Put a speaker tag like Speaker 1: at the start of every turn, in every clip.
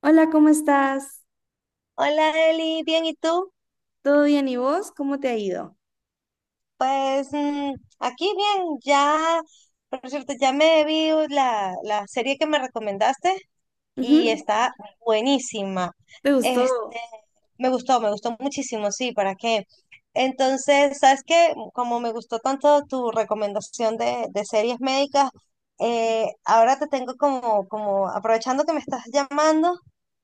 Speaker 1: Hola, ¿cómo estás?
Speaker 2: Hola Eli, bien, ¿y tú?
Speaker 1: ¿Todo bien y vos? ¿Cómo te ha ido?
Speaker 2: Pues aquí bien, ya, por cierto, ya me vi la serie que me recomendaste, y
Speaker 1: Ujú.
Speaker 2: está buenísima.
Speaker 1: ¿Te
Speaker 2: Este,
Speaker 1: gustó?
Speaker 2: me gustó, me gustó muchísimo, sí, ¿para qué? Entonces, ¿sabes qué? Como me gustó tanto tu recomendación de series médicas, ahora te tengo como, aprovechando que me estás llamando,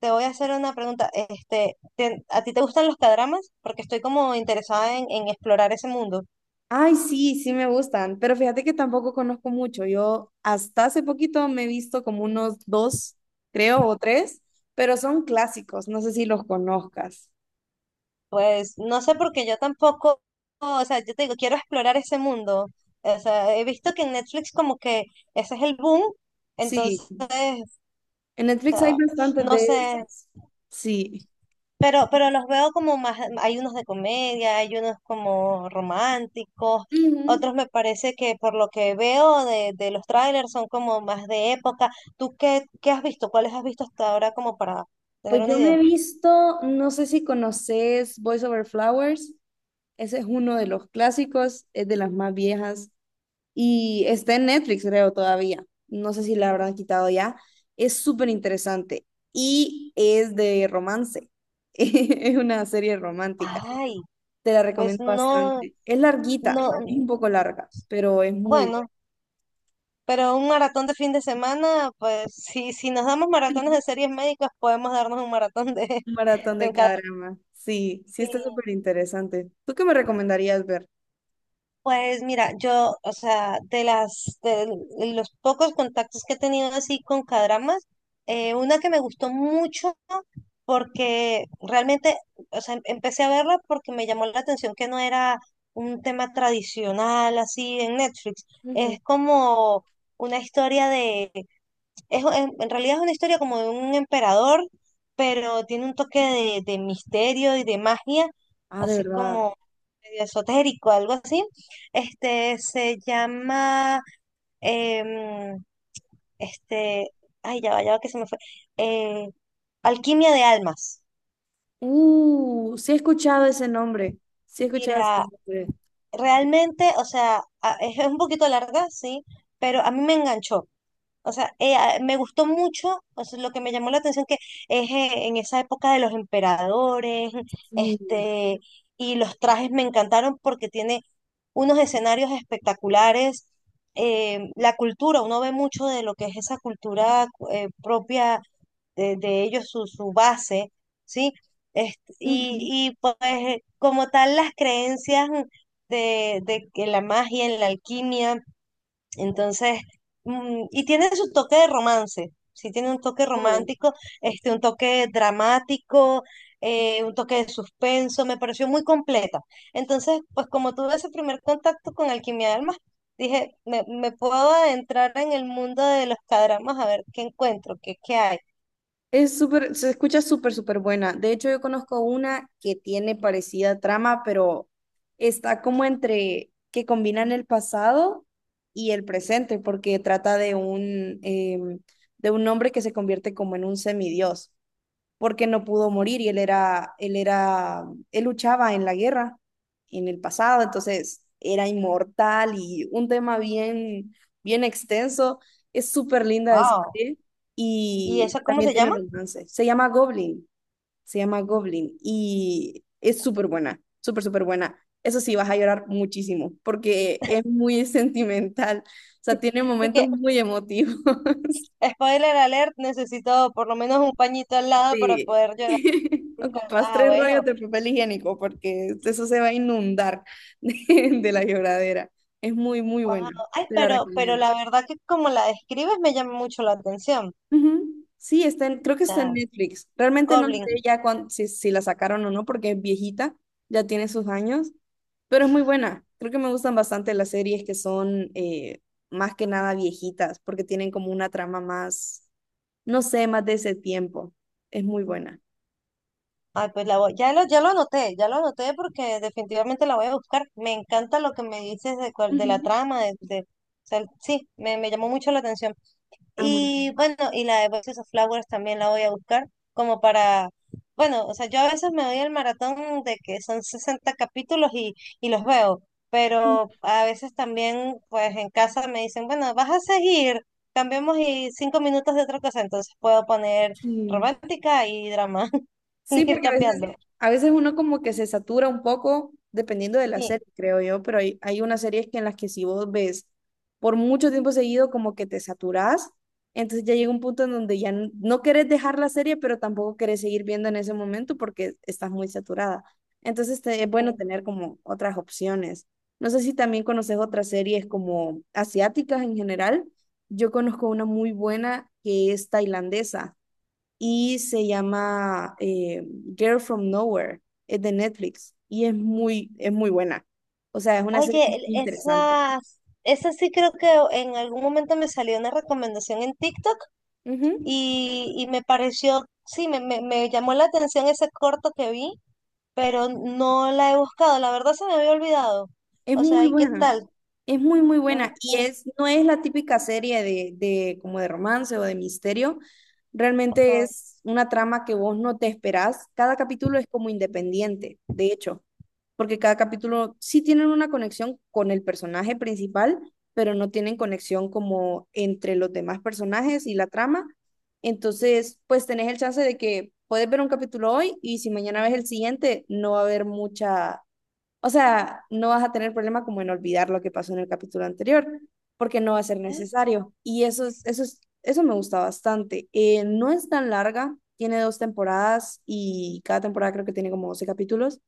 Speaker 2: te voy a hacer una pregunta. ¿A ti te gustan los cadramas? Porque estoy como interesada en explorar ese mundo.
Speaker 1: Ay, sí, sí me gustan, pero fíjate que tampoco conozco mucho. Yo hasta hace poquito me he visto como unos dos, creo, o tres, pero son clásicos, no sé si los conozcas.
Speaker 2: Pues no sé porque yo tampoco, o sea, yo te digo, quiero explorar ese mundo. O sea, he visto que en Netflix como que ese es el boom, entonces,
Speaker 1: Sí, en
Speaker 2: o
Speaker 1: Netflix hay
Speaker 2: sea,
Speaker 1: bastantes
Speaker 2: no
Speaker 1: de
Speaker 2: sé,
Speaker 1: esos. Sí.
Speaker 2: pero los veo como más, hay unos de comedia, hay unos como románticos,
Speaker 1: Ujú.
Speaker 2: otros me parece que por lo que veo de los trailers son como más de época. ¿Tú qué has visto? ¿Cuáles has visto hasta ahora como para tener
Speaker 1: Pues
Speaker 2: una
Speaker 1: yo
Speaker 2: idea?
Speaker 1: me he visto, no sé si conoces Voice Over Flowers, ese es uno de los clásicos, es de las más viejas. Y está en Netflix, creo, todavía. No sé si la habrán quitado ya. Es súper interesante y es de romance. Es una serie romántica.
Speaker 2: Ay,
Speaker 1: Te la
Speaker 2: pues
Speaker 1: recomiendo
Speaker 2: no,
Speaker 1: bastante. Es larguita, es
Speaker 2: no,
Speaker 1: un poco larga, pero es muy buena.
Speaker 2: bueno. Pero un maratón de fin de semana, pues si nos damos maratones de series médicas, podemos darnos un maratón de,
Speaker 1: Un maratón
Speaker 2: de
Speaker 1: de
Speaker 2: un cada.
Speaker 1: cada drama. Sí, sí
Speaker 2: Sí.
Speaker 1: está súper interesante. ¿Tú qué me recomendarías ver?
Speaker 2: Pues mira, yo, o sea, de las de los pocos contactos que he tenido así con cadramas, una que me gustó mucho porque realmente, o sea, empecé a verla porque me llamó la atención que no era un tema tradicional así en Netflix.
Speaker 1: Ujú.
Speaker 2: Es como una historia. Es, en realidad es una historia como de un emperador, pero tiene un toque de misterio y de magia,
Speaker 1: Ah, ¿de
Speaker 2: así
Speaker 1: verdad?
Speaker 2: como medio esotérico, algo así. Este se llama, em, este, ay, ya va que se me fue. Eh, Alquimia de Almas.
Speaker 1: Sí he escuchado ese nombre. Sí he escuchado ese
Speaker 2: Mira,
Speaker 1: nombre.
Speaker 2: realmente, o sea, es un poquito larga, sí, pero a mí me enganchó. O sea, me gustó mucho, o sea, lo que me llamó la atención que es en esa época de los emperadores,
Speaker 1: Sí.
Speaker 2: este, y los trajes me encantaron porque tiene unos escenarios espectaculares, la cultura, uno ve mucho de lo que es esa cultura propia de ellos, su base, ¿sí? Este, y,
Speaker 1: Ujú.
Speaker 2: y pues como tal las creencias de que la magia, en la alquimia. Entonces, y tiene su toque de romance, sí tiene un toque
Speaker 1: Oh.
Speaker 2: romántico, un toque dramático, un toque de suspenso, me pareció muy completa. Entonces, pues como tuve ese primer contacto con Alquimia de Almas, dije, me puedo adentrar en el mundo de los cadramas a ver qué encuentro, qué hay.
Speaker 1: Es súper, se escucha súper, súper buena. De hecho, yo conozco una que tiene parecida trama, pero está como entre que combinan el pasado y el presente, porque trata de un, de un hombre que se convierte como en un semidios porque no pudo morir y él luchaba en la guerra, en el pasado, entonces era inmortal y un tema bien, bien extenso. Es súper linda de
Speaker 2: Wow.
Speaker 1: asistir
Speaker 2: ¿Y
Speaker 1: y
Speaker 2: eso cómo
Speaker 1: también
Speaker 2: se
Speaker 1: tiene
Speaker 2: llama?
Speaker 1: romance. Se llama Goblin y es súper buena, súper, súper buena. Eso sí, vas a llorar muchísimo porque es muy sentimental, o sea, tiene
Speaker 2: Y
Speaker 1: momentos
Speaker 2: que,
Speaker 1: muy emotivos.
Speaker 2: spoiler alert, necesito por lo menos un pañito al lado para
Speaker 1: Sí.
Speaker 2: poder llorar.
Speaker 1: Ocupas
Speaker 2: Ah,
Speaker 1: tres
Speaker 2: bueno.
Speaker 1: rollos de papel higiénico porque eso se va a inundar de la lloradera. Es muy, muy
Speaker 2: Wow.
Speaker 1: buena.
Speaker 2: Ay,
Speaker 1: Te la
Speaker 2: pero
Speaker 1: recomiendo.
Speaker 2: la verdad que como la describes me llama mucho la atención.
Speaker 1: Ujú. Sí, está en- creo que está en
Speaker 2: O
Speaker 1: Netflix. Realmente no sé
Speaker 2: Goblin.
Speaker 1: ya cuán- si, si la sacaron o no porque es viejita, ya tiene sus años, pero es muy buena. Creo que me gustan bastante las series que son más que nada viejitas porque tienen como una trama más, no sé, más de ese tiempo. Es muy buena.
Speaker 2: Ay, pues ya lo anoté, ya lo anoté porque definitivamente la voy a buscar. Me encanta lo que me dices de la
Speaker 1: Ujú.
Speaker 2: trama, o sea, sí, me llamó mucho la atención.
Speaker 1: Ah, muy
Speaker 2: Y
Speaker 1: bien.
Speaker 2: bueno, y la de Voices of Flowers también la voy a buscar como para, bueno, o sea, yo a veces me doy el maratón de que son 60 capítulos y los veo, pero a veces también pues en casa me dicen, bueno, vas a seguir, cambiemos y 5 minutos de otra cosa, entonces puedo poner
Speaker 1: Sí.
Speaker 2: romántica y drama
Speaker 1: Sí,
Speaker 2: y ir
Speaker 1: porque
Speaker 2: cambiando.
Speaker 1: a veces uno como que se satura un poco dependiendo de la
Speaker 2: Sí,
Speaker 1: serie, creo yo, pero hay unas series que en las que si vos ves por mucho tiempo seguido como que te saturás, entonces ya llega un punto en donde ya n- no querés dejar la serie, pero tampoco querés seguir viendo en ese momento porque estás muy saturada. Entonces te- es bueno
Speaker 2: sí.
Speaker 1: tener como otras opciones. No sé si también conoces otras series como asiáticas en general. Yo conozco una muy buena que es tailandesa y se llama Girl from Nowhere, es de Netflix y es muy buena. O sea, es una serie
Speaker 2: Oye,
Speaker 1: muy interesante.
Speaker 2: esa sí creo que en algún momento me salió una recomendación en TikTok.
Speaker 1: Ujú.
Speaker 2: Y me pareció, sí, me llamó la atención ese corto que vi, pero no la he buscado. La verdad se me había olvidado.
Speaker 1: Es
Speaker 2: O sea,
Speaker 1: muy
Speaker 2: ¿y qué
Speaker 1: buena.
Speaker 2: tal?
Speaker 1: Es muy, muy
Speaker 2: Ah,
Speaker 1: buena. Y
Speaker 2: mm,
Speaker 1: es, no es la típica serie de como de romance o de misterio. Realmente
Speaker 2: ajá.
Speaker 1: es una trama que vos no te esperás. Cada capítulo es como independiente, de hecho. Porque cada capítulo sí tienen una conexión con el personaje principal, pero no tienen conexión como entre los demás personajes y la trama. Entonces, pues tenés el chance de que puedes ver un capítulo hoy y si mañana ves el siguiente, no va a haber mucha, o sea, no vas a tener problema como en olvidar lo que pasó en el capítulo anterior, porque no va a ser necesario. Y eso me gusta bastante. No es tan larga, tiene dos temporadas y cada temporada creo que tiene como 12 capítulos,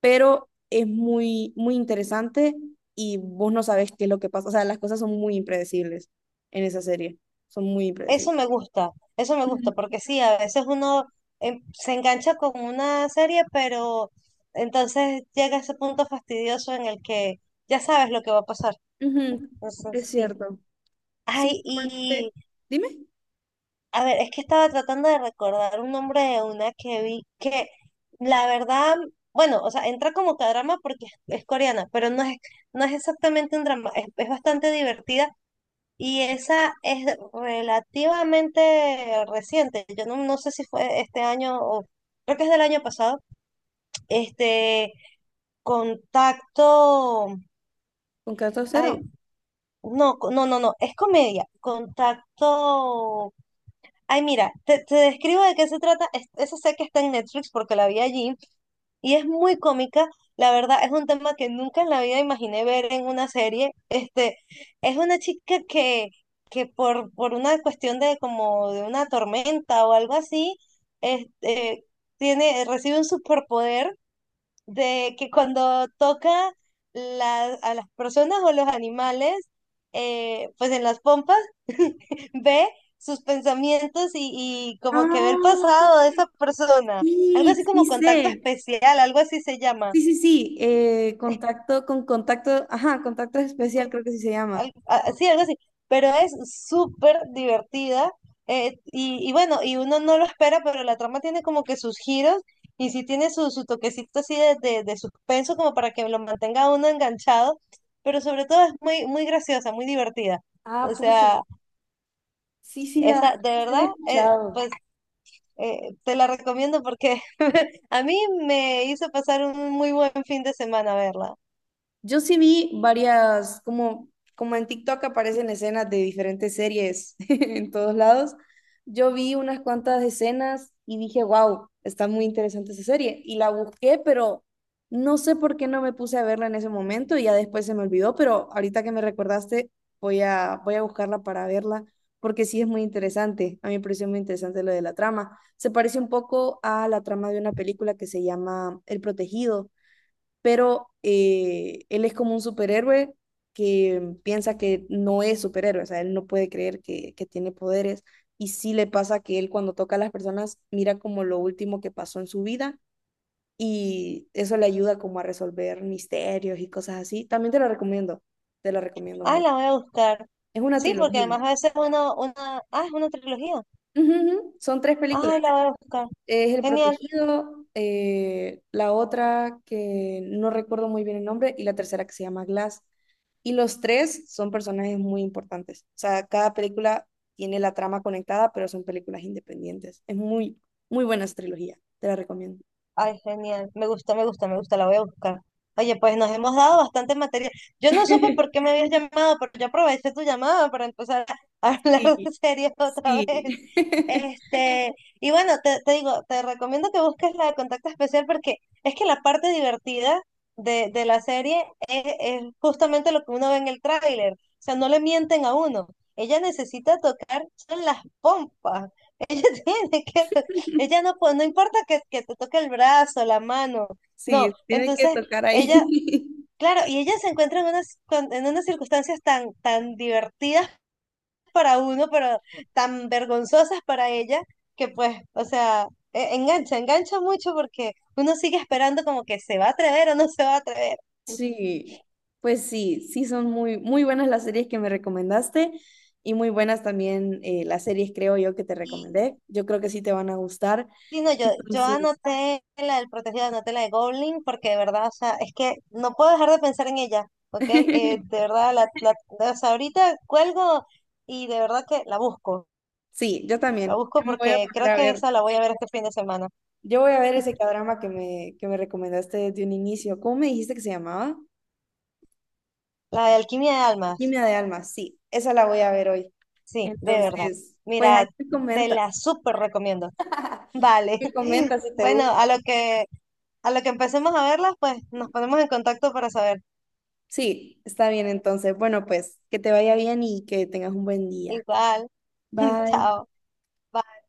Speaker 1: pero es muy, muy interesante y vos no sabes qué es lo que pasa. O sea, las cosas son muy impredecibles en esa serie, son muy
Speaker 2: Eso
Speaker 1: impredecibles.
Speaker 2: me gusta, eso me gusta,
Speaker 1: Ujú,
Speaker 2: porque sí, a veces uno se engancha con una serie, pero entonces llega ese punto fastidioso en el que ya sabes lo que va a pasar.
Speaker 1: ujú.
Speaker 2: Entonces,
Speaker 1: Es
Speaker 2: sí.
Speaker 1: cierto. Sí,
Speaker 2: Ay,
Speaker 1: normalmente. Dime,
Speaker 2: a ver, es que estaba tratando de recordar un nombre de una que vi que la verdad, bueno, o sea, entra como que a drama porque es coreana, pero no es exactamente un drama, es bastante divertida y esa es relativamente reciente. Yo no sé si fue este año o creo que es del año pasado. Este, contacto,
Speaker 1: ¿con 14-0?
Speaker 2: ay, no, no, no, no, es comedia, contacto. Ay, mira, te describo de qué se trata. Esa sé que está en Netflix porque la vi allí y es muy cómica. La verdad, es un tema que nunca en la vida imaginé ver en una serie. Es una chica que por una cuestión de como de una tormenta o algo así, este, tiene, recibe un superpoder de que cuando toca a las personas o los animales, pues en las pompas, ve sus pensamientos y como que ve el
Speaker 1: Ah,
Speaker 2: pasado de esa persona. Algo
Speaker 1: sí,
Speaker 2: así
Speaker 1: sí
Speaker 2: como contacto
Speaker 1: sé.
Speaker 2: especial, algo así se llama.
Speaker 1: Sí, sí, sí. Contacto con contacto. Ajá, contacto especial creo que sí se llama.
Speaker 2: Sí, algo así, pero es súper divertida y bueno, y uno no lo espera, pero la trama tiene como que sus giros y sí tiene su toquecito así de suspenso como para que lo mantenga a uno enganchado, pero sobre todo es muy, muy graciosa, muy divertida.
Speaker 1: Ah,
Speaker 2: O
Speaker 1: pucha.
Speaker 2: sea,
Speaker 1: Sí, sí, la
Speaker 2: esa, de
Speaker 1: sí la he
Speaker 2: verdad,
Speaker 1: escuchado.
Speaker 2: pues te la recomiendo porque a mí me hizo pasar un muy buen fin de semana verla.
Speaker 1: Yo sí vi varias, como, como en TikTok aparecen escenas de diferentes series en todos lados. Yo vi unas cuantas escenas y dije, wow, está muy interesante esa serie. Y la busqué, pero no sé por qué no me puse a verla en ese momento y ya después se me olvidó, pero ahorita que me recordaste, voy a, voy a buscarla para verla, porque sí es muy interesante. A mí me pareció muy interesante lo de la trama. Se parece un poco a la trama de una película que se llama El Protegido, pero él es como un superhéroe que piensa que no es superhéroe, o sea, él no puede creer que tiene poderes y sí le pasa que él cuando toca a las personas mira como lo último que pasó en su vida y eso le ayuda como a resolver misterios y cosas así. También te lo recomiendo
Speaker 2: Ah,
Speaker 1: mucho.
Speaker 2: la voy a buscar.
Speaker 1: Es una
Speaker 2: Sí, porque
Speaker 1: trilogía.
Speaker 2: además a veces uno, una, ah, es una trilogía.
Speaker 1: Ujú, ujú. Son tres películas.
Speaker 2: Ay, la voy a buscar.
Speaker 1: Es El
Speaker 2: Genial.
Speaker 1: Protegido, la otra que no recuerdo muy bien el nombre y la tercera que se llama Glass. Y los tres son personajes muy importantes. O sea, cada película tiene la trama conectada, pero son películas independientes. Es muy, muy buena esa trilogía. Te la recomiendo.
Speaker 2: Ay, genial. Me gusta, me gusta, me gusta. La voy a buscar. Oye, pues nos hemos dado bastante material. Yo no supe por qué me habías llamado, pero yo aproveché tu llamada para empezar a hablar
Speaker 1: Sí,
Speaker 2: de series otra vez.
Speaker 1: sí.
Speaker 2: Este, y bueno, te digo, te recomiendo que busques la de contacto especial porque es que la parte divertida de la serie es justamente lo que uno ve en el tráiler. O sea, no le mienten a uno. Ella necesita tocar son las pompas. Ella tiene que, ella no, no importa que te toque el brazo, la mano, no.
Speaker 1: Sí, tiene que
Speaker 2: Entonces,
Speaker 1: tocar
Speaker 2: ella,
Speaker 1: ahí.
Speaker 2: claro, y ella se encuentra en unas, en unas circunstancias tan, tan divertidas para uno, pero tan vergonzosas para ella, que pues, o sea, engancha, engancha mucho porque uno sigue esperando como que se va a atrever o no se va a atrever.
Speaker 1: Sí, pues sí, sí son muy, muy buenas las series que me recomendaste y muy buenas también las series, creo yo, que te
Speaker 2: Y
Speaker 1: recomendé. Yo creo que sí te van a gustar.
Speaker 2: sí, no, yo
Speaker 1: Entonces,
Speaker 2: anoté la del protegido, anoté la de Goblin, porque de verdad, o sea, es que no puedo dejar de pensar en ella, ¿ok? De verdad, o sea, ahorita cuelgo y de verdad que
Speaker 1: sí, yo
Speaker 2: la
Speaker 1: también.
Speaker 2: busco
Speaker 1: Yo me voy a
Speaker 2: porque
Speaker 1: poner
Speaker 2: creo
Speaker 1: a
Speaker 2: que
Speaker 1: ver,
Speaker 2: esa la voy a ver este fin de semana,
Speaker 1: yo voy a ver ese cadrama que me recomendaste desde un inicio. ¿Cómo me dijiste que se llamaba?
Speaker 2: la de Alquimia de Almas.
Speaker 1: Alquimia de almas, sí, esa la voy a ver hoy.
Speaker 2: Sí, de verdad.
Speaker 1: Entonces, pues ahí
Speaker 2: Mira,
Speaker 1: me
Speaker 2: te
Speaker 1: comenta,
Speaker 2: la súper recomiendo. Vale.
Speaker 1: me comenta si te
Speaker 2: Bueno,
Speaker 1: gusta.
Speaker 2: a lo que empecemos a verlas, pues nos ponemos en contacto para saber.
Speaker 1: Sí, está bien entonces. Bueno, pues que te vaya bien y que tengas un buen día.
Speaker 2: Igual.
Speaker 1: Bye.
Speaker 2: Chao. Bye.